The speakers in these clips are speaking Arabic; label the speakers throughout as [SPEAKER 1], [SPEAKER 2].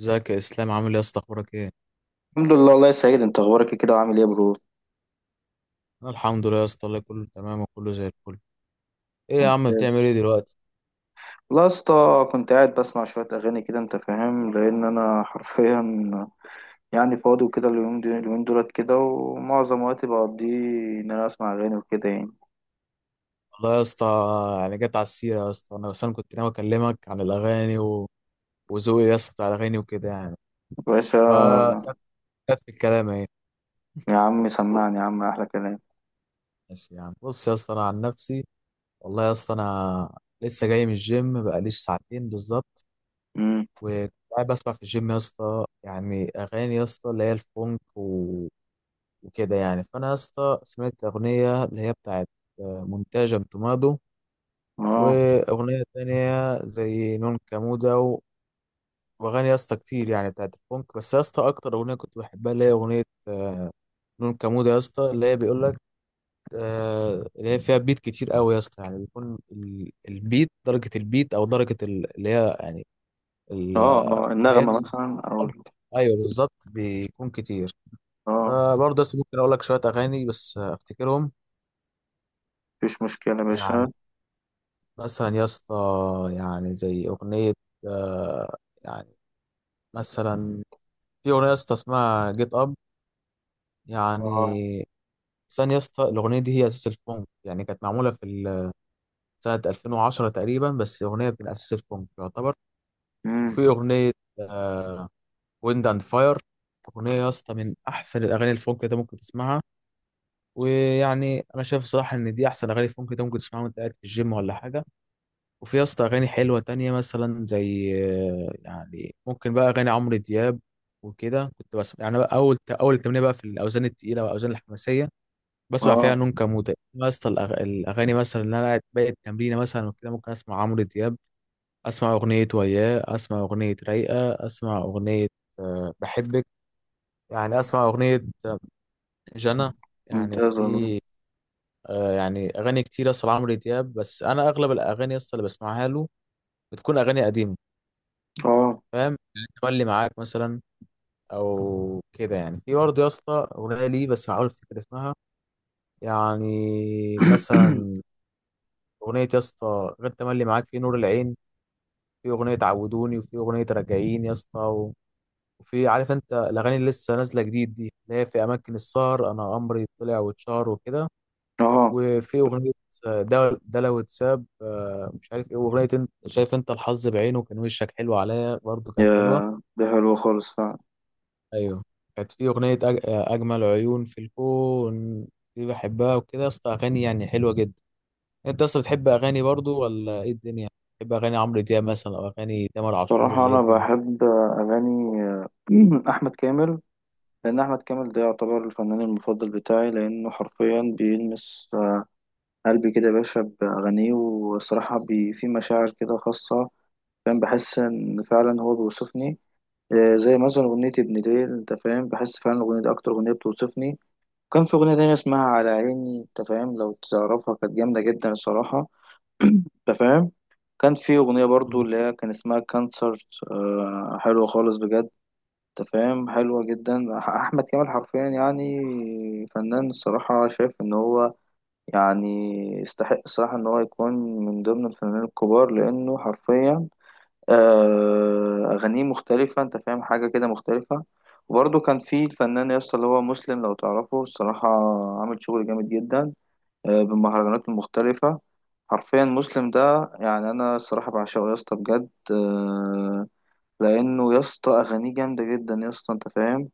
[SPEAKER 1] ازيك يا اسلام، عامل ايه يا اسطى؟ اخبارك ايه؟
[SPEAKER 2] الحمد لله، الله يسعدك، انت اخبارك ايه كده وعامل ايه يا برو؟
[SPEAKER 1] انا الحمد لله يا اسطى، الله كله تمام وكله زي الفل. ايه يا عم بتعمل
[SPEAKER 2] ممتاز.
[SPEAKER 1] ايه دلوقتي؟
[SPEAKER 2] لا يا اسطى. كنت قاعد بسمع شويه اغاني كده، انت فاهم، لان انا حرفيا يعني فاضي وكده، اليومين دولت كده، ومعظم وقتي بقضيه ان انا اسمع اغاني وكده يعني.
[SPEAKER 1] والله يا اسطى، يعني جت على السيره يا اسطى، انا بس انا كنت ناوي اكلمك عن الاغاني وذوقي يا اسطى بتاع الاغاني وكده يعني.
[SPEAKER 2] يا باشا.
[SPEAKER 1] ف جت في الكلام اهي.
[SPEAKER 2] يا عم، سمعني يا عم، احلى كلام.
[SPEAKER 1] ماشي، يعني بص يا اسطى انا عن نفسي، والله يا اسطى انا لسه جاي من الجيم بقاليش ساعتين بالظبط،
[SPEAKER 2] امم.
[SPEAKER 1] وكنت قاعد بسمع في الجيم يا اسطى يعني اغاني يا اسطى اللي هي الفونك وكده يعني. فانا يا اسطى سمعت اغنيه اللي هي بتاعت مونتاج تومادو،
[SPEAKER 2] اه،
[SPEAKER 1] واغنيه تانية زي نون كامودا، واغاني يا اسطى كتير يعني بتاعت الفونك. بس يا اسطى اكتر اغنيه كنت بحبها اللي هي اغنيه آه، نون كامودا يا اسطى، اللي هي بيقول لك. اللي هي فيها بيت كتير قوي يا اسطى، يعني بيكون البيت، درجه البيت او درجه اللي هي يعني ال-
[SPEAKER 2] اه، اه،
[SPEAKER 1] اللي هي
[SPEAKER 2] النغمه مثلا
[SPEAKER 1] ايوه بالظبط بيكون كتير.
[SPEAKER 2] اه.
[SPEAKER 1] فبرضه بس ممكن اقول لك شويه اغاني، بس افتكرهم.
[SPEAKER 2] مفيش مشكله يا
[SPEAKER 1] يعني
[SPEAKER 2] باشا.
[SPEAKER 1] مثلا يا اسطى، يعني زي أغنية آه، يعني مثلا في أغنية يا اسطى اسمها جيت أب.
[SPEAKER 2] اه.
[SPEAKER 1] يعني ثانية يا اسطى الأغنية دي هي أساس الفونك، يعني كانت معمولة في سنة 2010 تقريبا، بس أغنية من أساس الفونك يعتبر.
[SPEAKER 2] امم.
[SPEAKER 1] وفي أغنية ويند أند فاير، أغنية يا اسطى من أحسن الأغاني الفونك اللي أنت ممكن تسمعها، ويعني أنا شايف صراحة إن دي أحسن أغاني فونك أنت ممكن تسمعها وأنت قاعد في الجيم ولا حاجة. وفي يا اسطى اغاني حلوه تانية مثلا زي يعني ممكن بقى اغاني عمرو دياب، وكده كنت بسمع يعني. بقى اول اول تمرين بقى في الاوزان التقيله والاوزان الحماسيه بسمع فيها
[SPEAKER 2] اه.
[SPEAKER 1] نون كمودة يا اسطى، الاغاني مثلا. اللي انا قاعد باقي التمرين مثلا وكده ممكن اسمع عمرو دياب، اسمع اغنيه وياه، اسمع اغنيه رايقه، اسمع اغنيه بحبك، يعني اسمع اغنيه آه، جنى. يعني
[SPEAKER 2] ممتاز والله.
[SPEAKER 1] في يعني اغاني كتير اصلا عمرو دياب، بس انا اغلب الاغاني اصلا اللي بسمعها له بتكون اغاني قديمه،
[SPEAKER 2] اه.
[SPEAKER 1] فاهم، اللي تولي معاك مثلا او كده يعني. في برضه يا اسطى اغنيه ليه، بس هحاول افتكر اسمها. يعني مثلا اغنيه يا اسطى غير تملي معاك، في نور العين، في اغنيه عودوني، وفي اغنيه راجعين يا اسطى وفي عارف انت الاغاني اللي لسه نازله جديد دي، اللي هي في اماكن السهر، انا امري طلع واتشهر وكده.
[SPEAKER 2] اه،
[SPEAKER 1] وفي اغنيه ده لو اتساب مش عارف ايه، واغنيه انت شايف انت الحظ بعينه كان وشك حلو عليا، برضه
[SPEAKER 2] يا
[SPEAKER 1] كانت حلوه.
[SPEAKER 2] ده حلو خالص فعلا.
[SPEAKER 1] ايوه، كانت في اغنيه اجمل عيون في الكون، دي بحبها وكده يا اسطى، اغاني يعني حلوه جدا. انت اصلا بتحب اغاني برضو ولا ايه الدنيا؟ بتحب اغاني عمرو دياب مثلا او اغاني تامر عاشور
[SPEAKER 2] صراحة
[SPEAKER 1] ولا ايه
[SPEAKER 2] أنا
[SPEAKER 1] الدنيا؟
[SPEAKER 2] بحب أغاني أحمد كامل. لأن أحمد كامل ده يعتبر الفنان المفضل بتاعي، لأنه حرفيا بيلمس قلبي كده يا باشا بأغانيه، والصراحة بي في مشاعر كده خاصة. فاهم، بحس إن فعلا هو بيوصفني. زي مثلا أغنية ابن ليل، أنت فاهم، بحس فعلا الأغنية دي أكتر أغنية بتوصفني. كان في أغنية تانية اسمها على عيني، أنت فاهم لو تعرفها، كانت جامدة جدا الصراحة. انت فاهم. كان في اغنيه برضو اللي هي كان اسمها كانسر، حلوه خالص بجد. انت فاهم، حلوه جدا. احمد كامل حرفيا يعني فنان، الصراحه شايف ان هو يعني يستحق الصراحه ان هو يكون من ضمن الفنانين الكبار، لانه حرفيا اغانيه مختلفه، انت فاهم، حاجه كده مختلفه. وبرضه كان في الفنان يا اسطى اللي هو مسلم، لو تعرفه الصراحه، عامل شغل جامد جدا بالمهرجانات المختلفة. حرفيا مسلم ده، يعني أنا الصراحة بعشقه يا اسطى بجد. لأنه يا اسطى أغانيه جامدة جدا يا اسطى أنت فاهم.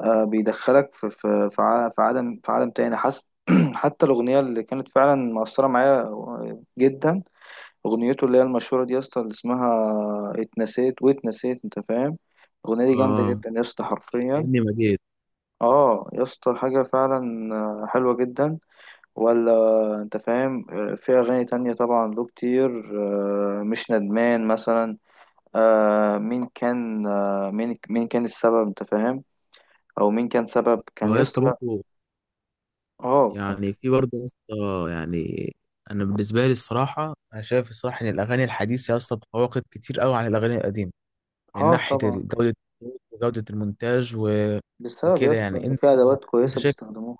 [SPEAKER 2] بيدخلك في عالم تاني، حاسس حتى الأغنية اللي كانت فعلا مأثرة معايا جدا. أغنيته اللي هي المشهورة دي يا اسطى، اللي اسمها اتنسيت واتنسيت، أنت فاهم. الأغنية دي جامدة
[SPEAKER 1] اه،
[SPEAKER 2] جدا يا اسطى حرفيا.
[SPEAKER 1] كأني ما جيت.
[SPEAKER 2] اه يا اسطى، حاجة فعلا حلوة جدا. ولا. انت فاهم، في اغاني تانية طبعا له كتير. مش ندمان مثلا. مين كان السبب، انت فاهم. او مين كان سبب كان
[SPEAKER 1] هو يا اسطى
[SPEAKER 2] يسطا.
[SPEAKER 1] برضه
[SPEAKER 2] اه، كان.
[SPEAKER 1] يعني، في برضه يا اسطى يعني انا بالنسبه لي الصراحه، انا شايف الصراحه ان الاغاني الحديثه يا اسطى تفوقت كتير قوي عن الاغاني القديمه من
[SPEAKER 2] اه،
[SPEAKER 1] ناحيه
[SPEAKER 2] طبعا.
[SPEAKER 1] ال- جوده الصوت، وجوده المونتاج
[SPEAKER 2] بسبب
[SPEAKER 1] وكده
[SPEAKER 2] يسطا
[SPEAKER 1] يعني.
[SPEAKER 2] ان
[SPEAKER 1] انت
[SPEAKER 2] في ادوات
[SPEAKER 1] انت
[SPEAKER 2] كويسة
[SPEAKER 1] شايف،
[SPEAKER 2] بيستخدموها.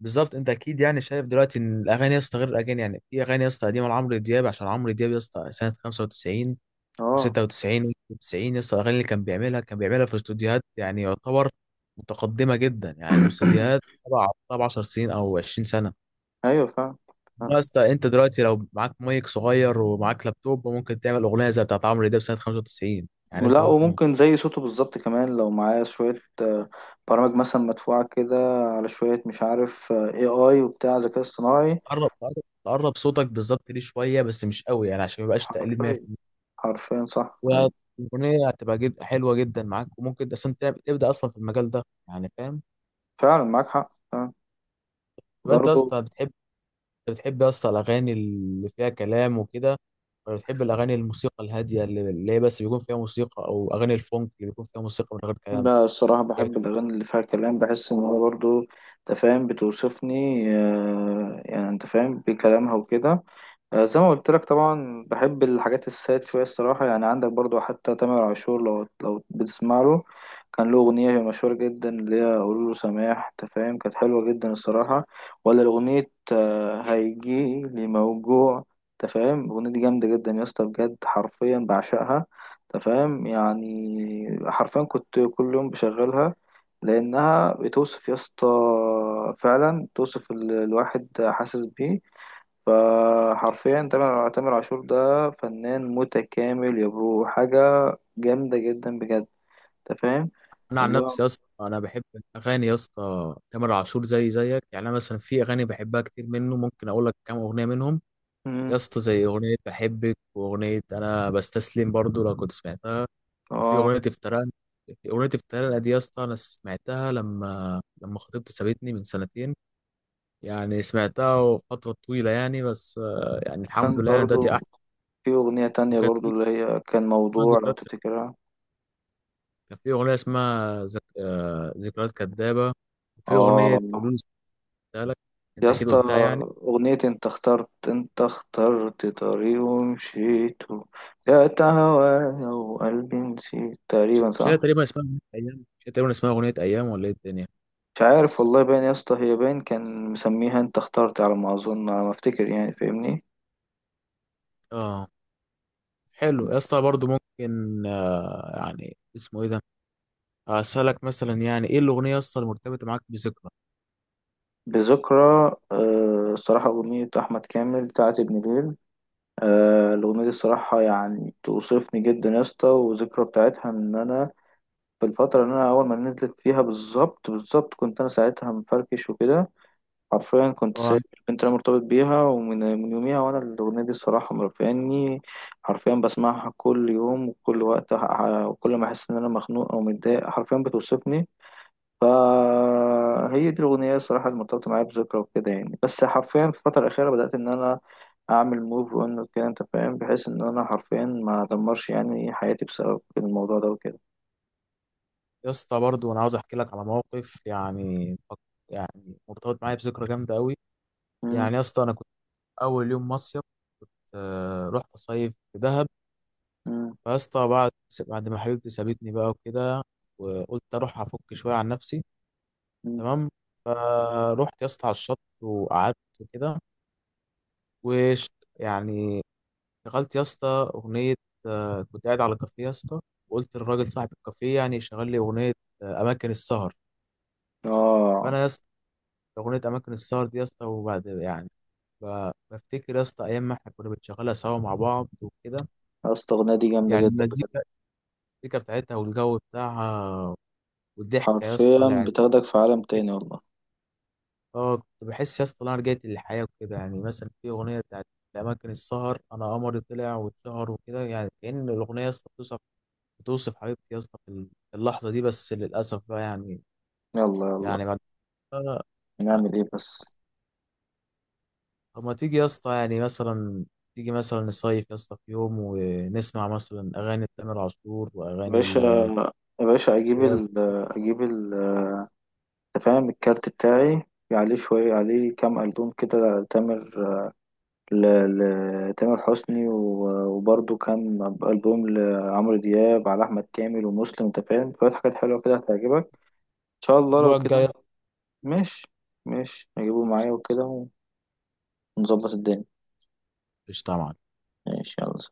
[SPEAKER 1] بالظبط انت اكيد يعني شايف دلوقتي ان الاغاني يا اسطى غير الاغاني. يعني في اغاني يا اسطى قديمه لعمرو دياب، عشان عمرو دياب يا اسطى سنه 95
[SPEAKER 2] اه.
[SPEAKER 1] و96 و90 يا اسطى، الاغاني اللي كان بيعملها كان بيعملها في استوديوهات، يعني يعتبر متقدمه جدا. يعني استوديوهات، طبعا طبعا 10 سنين او 20 سنه.
[SPEAKER 2] ايوه، فاهم. فاهم.
[SPEAKER 1] يا اسطى انت دلوقتي لو معاك مايك صغير ومعاك لابتوب ممكن تعمل اغنيه زي بتاعت عمرو دياب سنه 95، يعني انت
[SPEAKER 2] لا،
[SPEAKER 1] ممكن
[SPEAKER 2] وممكن زي صوته بالظبط كمان، لو معاه شوية برامج مثلا مدفوعة كده، على شوية، مش عارف اي اي وبتاع ذكاء اصطناعي.
[SPEAKER 1] تقرب صوتك بالظبط ليه شويه، بس مش قوي يعني عشان ما يبقاش تقليد.
[SPEAKER 2] حرفيا. حرفيا صح، أيوة.
[SPEAKER 1] والأغنية هتبقى جد حلوة جدا معاك، وممكن أصلا تبدأ أصلا في المجال ده، يعني فاهم.
[SPEAKER 2] فعلا معاك حق.
[SPEAKER 1] يبقى أنت يا
[SPEAKER 2] برضو.
[SPEAKER 1] اسطى بتحب يا اسطى الأغاني اللي فيها كلام وكده، ولا بتحب الأغاني الموسيقى الهادية اللي هي بس بيكون فيها موسيقى، أو أغاني الفونك اللي بيكون فيها موسيقى من غير كلام؟
[SPEAKER 2] لا، الصراحة
[SPEAKER 1] يعني
[SPEAKER 2] بحب الأغاني اللي فيها كلام، بحس إن هو برضو أنت فاهم بتوصفني. يعني أنت فاهم بكلامها وكده. زي ما قلت لك، طبعا بحب الحاجات الساد شوية الصراحة، يعني عندك برضو حتى تامر عاشور لو بتسمع له. كان له أغنية مشهورة جدا اللي هي قولوا له سماح، أنت فاهم، كانت حلوة جدا الصراحة. ولا أغنية هيجيلي موجوع. أنت فاهم الأغنية دي جامدة جدا يا اسطى بجد، حرفيا بعشقها. أنت فاهم يعني حرفيا كنت كل يوم بشغلها. لأنها بتوصف يا اسطى، فعلا توصف الواحد، حاسس بيه. فحرفيا تامر عاشور ده فنان متكامل يا برو، حاجة جامدة جدا بجد. انت فاهم
[SPEAKER 1] أنا عن
[SPEAKER 2] اللي هو.
[SPEAKER 1] نفسي يا اسطى، أنا بحب أغاني يا اسطى تامر عاشور زي زيك. يعني أنا مثلا في أغاني بحبها كتير منه، ممكن أقول لك كام أغنية منهم يا
[SPEAKER 2] مم.
[SPEAKER 1] اسطى، زي أغنية بحبك، وأغنية أنا بستسلم برضو لو كنت سمعتها، وفي
[SPEAKER 2] اه،
[SPEAKER 1] اغنيه افتراء. في اغنيه افتراء دي يا اسطى انا سمعتها لما خطيبتي سابتني من سنتين، يعني سمعتها فتره طويله يعني، بس يعني الحمد
[SPEAKER 2] كان
[SPEAKER 1] لله انا دلوقتي
[SPEAKER 2] برضو
[SPEAKER 1] احسن.
[SPEAKER 2] في أغنية تانية
[SPEAKER 1] وكانت
[SPEAKER 2] برضو
[SPEAKER 1] في
[SPEAKER 2] اللي هي كان
[SPEAKER 1] اسمها
[SPEAKER 2] موضوع، لو
[SPEAKER 1] ذكريات،
[SPEAKER 2] تفتكرها.
[SPEAKER 1] كان في اغنيه اسمها ذك... آه، ذكريات كدابه، وفي
[SPEAKER 2] اه
[SPEAKER 1] اغنيه قولوا لي سبتها لك،
[SPEAKER 2] يا
[SPEAKER 1] انت كده
[SPEAKER 2] اسطى،
[SPEAKER 1] قلتها يعني.
[SPEAKER 2] أغنية انت اخترت طريق ومشيته، بعت هوايا وقلبي نسيت تقريبا،
[SPEAKER 1] مش هي
[SPEAKER 2] صح؟
[SPEAKER 1] تقريبا اسمها اغنيه ايام، مش هي تقريبا اسمها اغنيه ايام، ولا ايه الدنيا؟
[SPEAKER 2] مش عارف والله، باين يا اسطى، هي باين كان مسميها انت اخترت، على ما اظن، على ما افتكر، يعني فاهمني.
[SPEAKER 1] اه، حلو يا اسطى برضه. ممكن يعني اسمه ايه ده، اسالك مثلا، يعني ايه الاغنيه يا اسطى المرتبطه معاك بذكرى.
[SPEAKER 2] بذكرى، الصراحة أغنية أحمد كامل بتاعت ابن ليل. الأغنية دي الصراحة يعني توصفني جدا يا اسطى، والذكرى بتاعتها إن أنا في الفترة اللي أنا أول ما نزلت فيها بالظبط بالظبط، كنت أنا ساعتها مفركش وكده. حرفيا كنت
[SPEAKER 1] آه،
[SPEAKER 2] سايب. كنت أنا مرتبط بيها، ومن من يوميها، وأنا الأغنية دي الصراحة مرفعني. حرفيا بسمعها كل يوم وكل وقت، وكل ما أحس إن أنا مخنوق أو متضايق، حرفيا بتوصفني. فهي دي الأغنية الصراحة اللي مرتبطة معايا بذكرى وكده يعني، بس حرفيا في الفترة الأخيرة بدأت إن أنا أعمل موف أون كده، أنت فاهم، بحيث إن أنا حرفيا ما أدمرش يعني حياتي بسبب الموضوع ده وكده.
[SPEAKER 1] يا اسطى برضه انا عاوز احكي لك على موقف، يعني يعني مرتبط معايا بذكرى جامده قوي.
[SPEAKER 2] مم،
[SPEAKER 1] يعني يا اسطى انا كنت اول يوم مصيف رحت اصيف في دهب.
[SPEAKER 2] مم،
[SPEAKER 1] فيا اسطى بعد ما حبيبتي سابتني بقى وكده، وقلت اروح افك شويه عن نفسي.
[SPEAKER 2] مم.
[SPEAKER 1] تمام. فروحت يا اسطى على الشط وقعدت وكده، وش يعني شغلت يا اسطى اغنيه. كنت قاعد على كافيه يا اسطى، وقلت للراجل صاحب الكافيه يعني يشغل لي اغنيه، اماكن السهر.
[SPEAKER 2] آه
[SPEAKER 1] فانا يا اسطى أغنية أماكن السهر دي يا اسطى، وبعد يعني بفتكر يا اسطى أيام ما احنا كنا بنشغلها سوا مع بعض وكده.
[SPEAKER 2] يا اسطى، الأغنية دي جامدة
[SPEAKER 1] يعني
[SPEAKER 2] جدا بجد،
[SPEAKER 1] المزيكا، المزيكا بتاعتها والجو بتاعها والضحكة يا اسطى
[SPEAKER 2] حرفيا
[SPEAKER 1] يعني.
[SPEAKER 2] بتاخدك في عالم تاني والله.
[SPEAKER 1] اه، كنت بحس يا اسطى إن أنا رجعت للحياة وكده. يعني مثلا في أغنية بتاعت أماكن السهر، أنا قمري طلع واتشهر وكده، يعني كأن الأغنية يا اسطى بتوصف بتوصف حبيبتي يا اسطى في اللحظة دي. بس للأسف بقى، يعني
[SPEAKER 2] يلا يلا.
[SPEAKER 1] يعني بعد كده
[SPEAKER 2] نعمل إيه
[SPEAKER 1] يعني.
[SPEAKER 2] بس؟
[SPEAKER 1] طب ما تيجي يا اسطى يعني مثلا تيجي مثلا نصيف يا اسطى في يوم ونسمع مثلا اغاني تامر عاشور
[SPEAKER 2] يا
[SPEAKER 1] واغاني
[SPEAKER 2] باشا. يا باشا، أجيب
[SPEAKER 1] الإياب
[SPEAKER 2] ال أجيب ال أنت فاهم الكارت بتاعي، عليه كام ألبوم كده، تامر لتامر حسني، وبرضه كان ألبوم لعمرو دياب، على أحمد كامل ومسلم، أنت فاهم شوية حاجات حلوة كده هتعجبك. إن شاء الله لو
[SPEAKER 1] الاسبوع الجاي يا
[SPEAKER 2] كده.
[SPEAKER 1] اسطى.
[SPEAKER 2] ماشي. ماشي، هجيبه معايا وكده، ونظبط الدنيا.
[SPEAKER 1] قشطة يا معلم.
[SPEAKER 2] ماشي، يلا.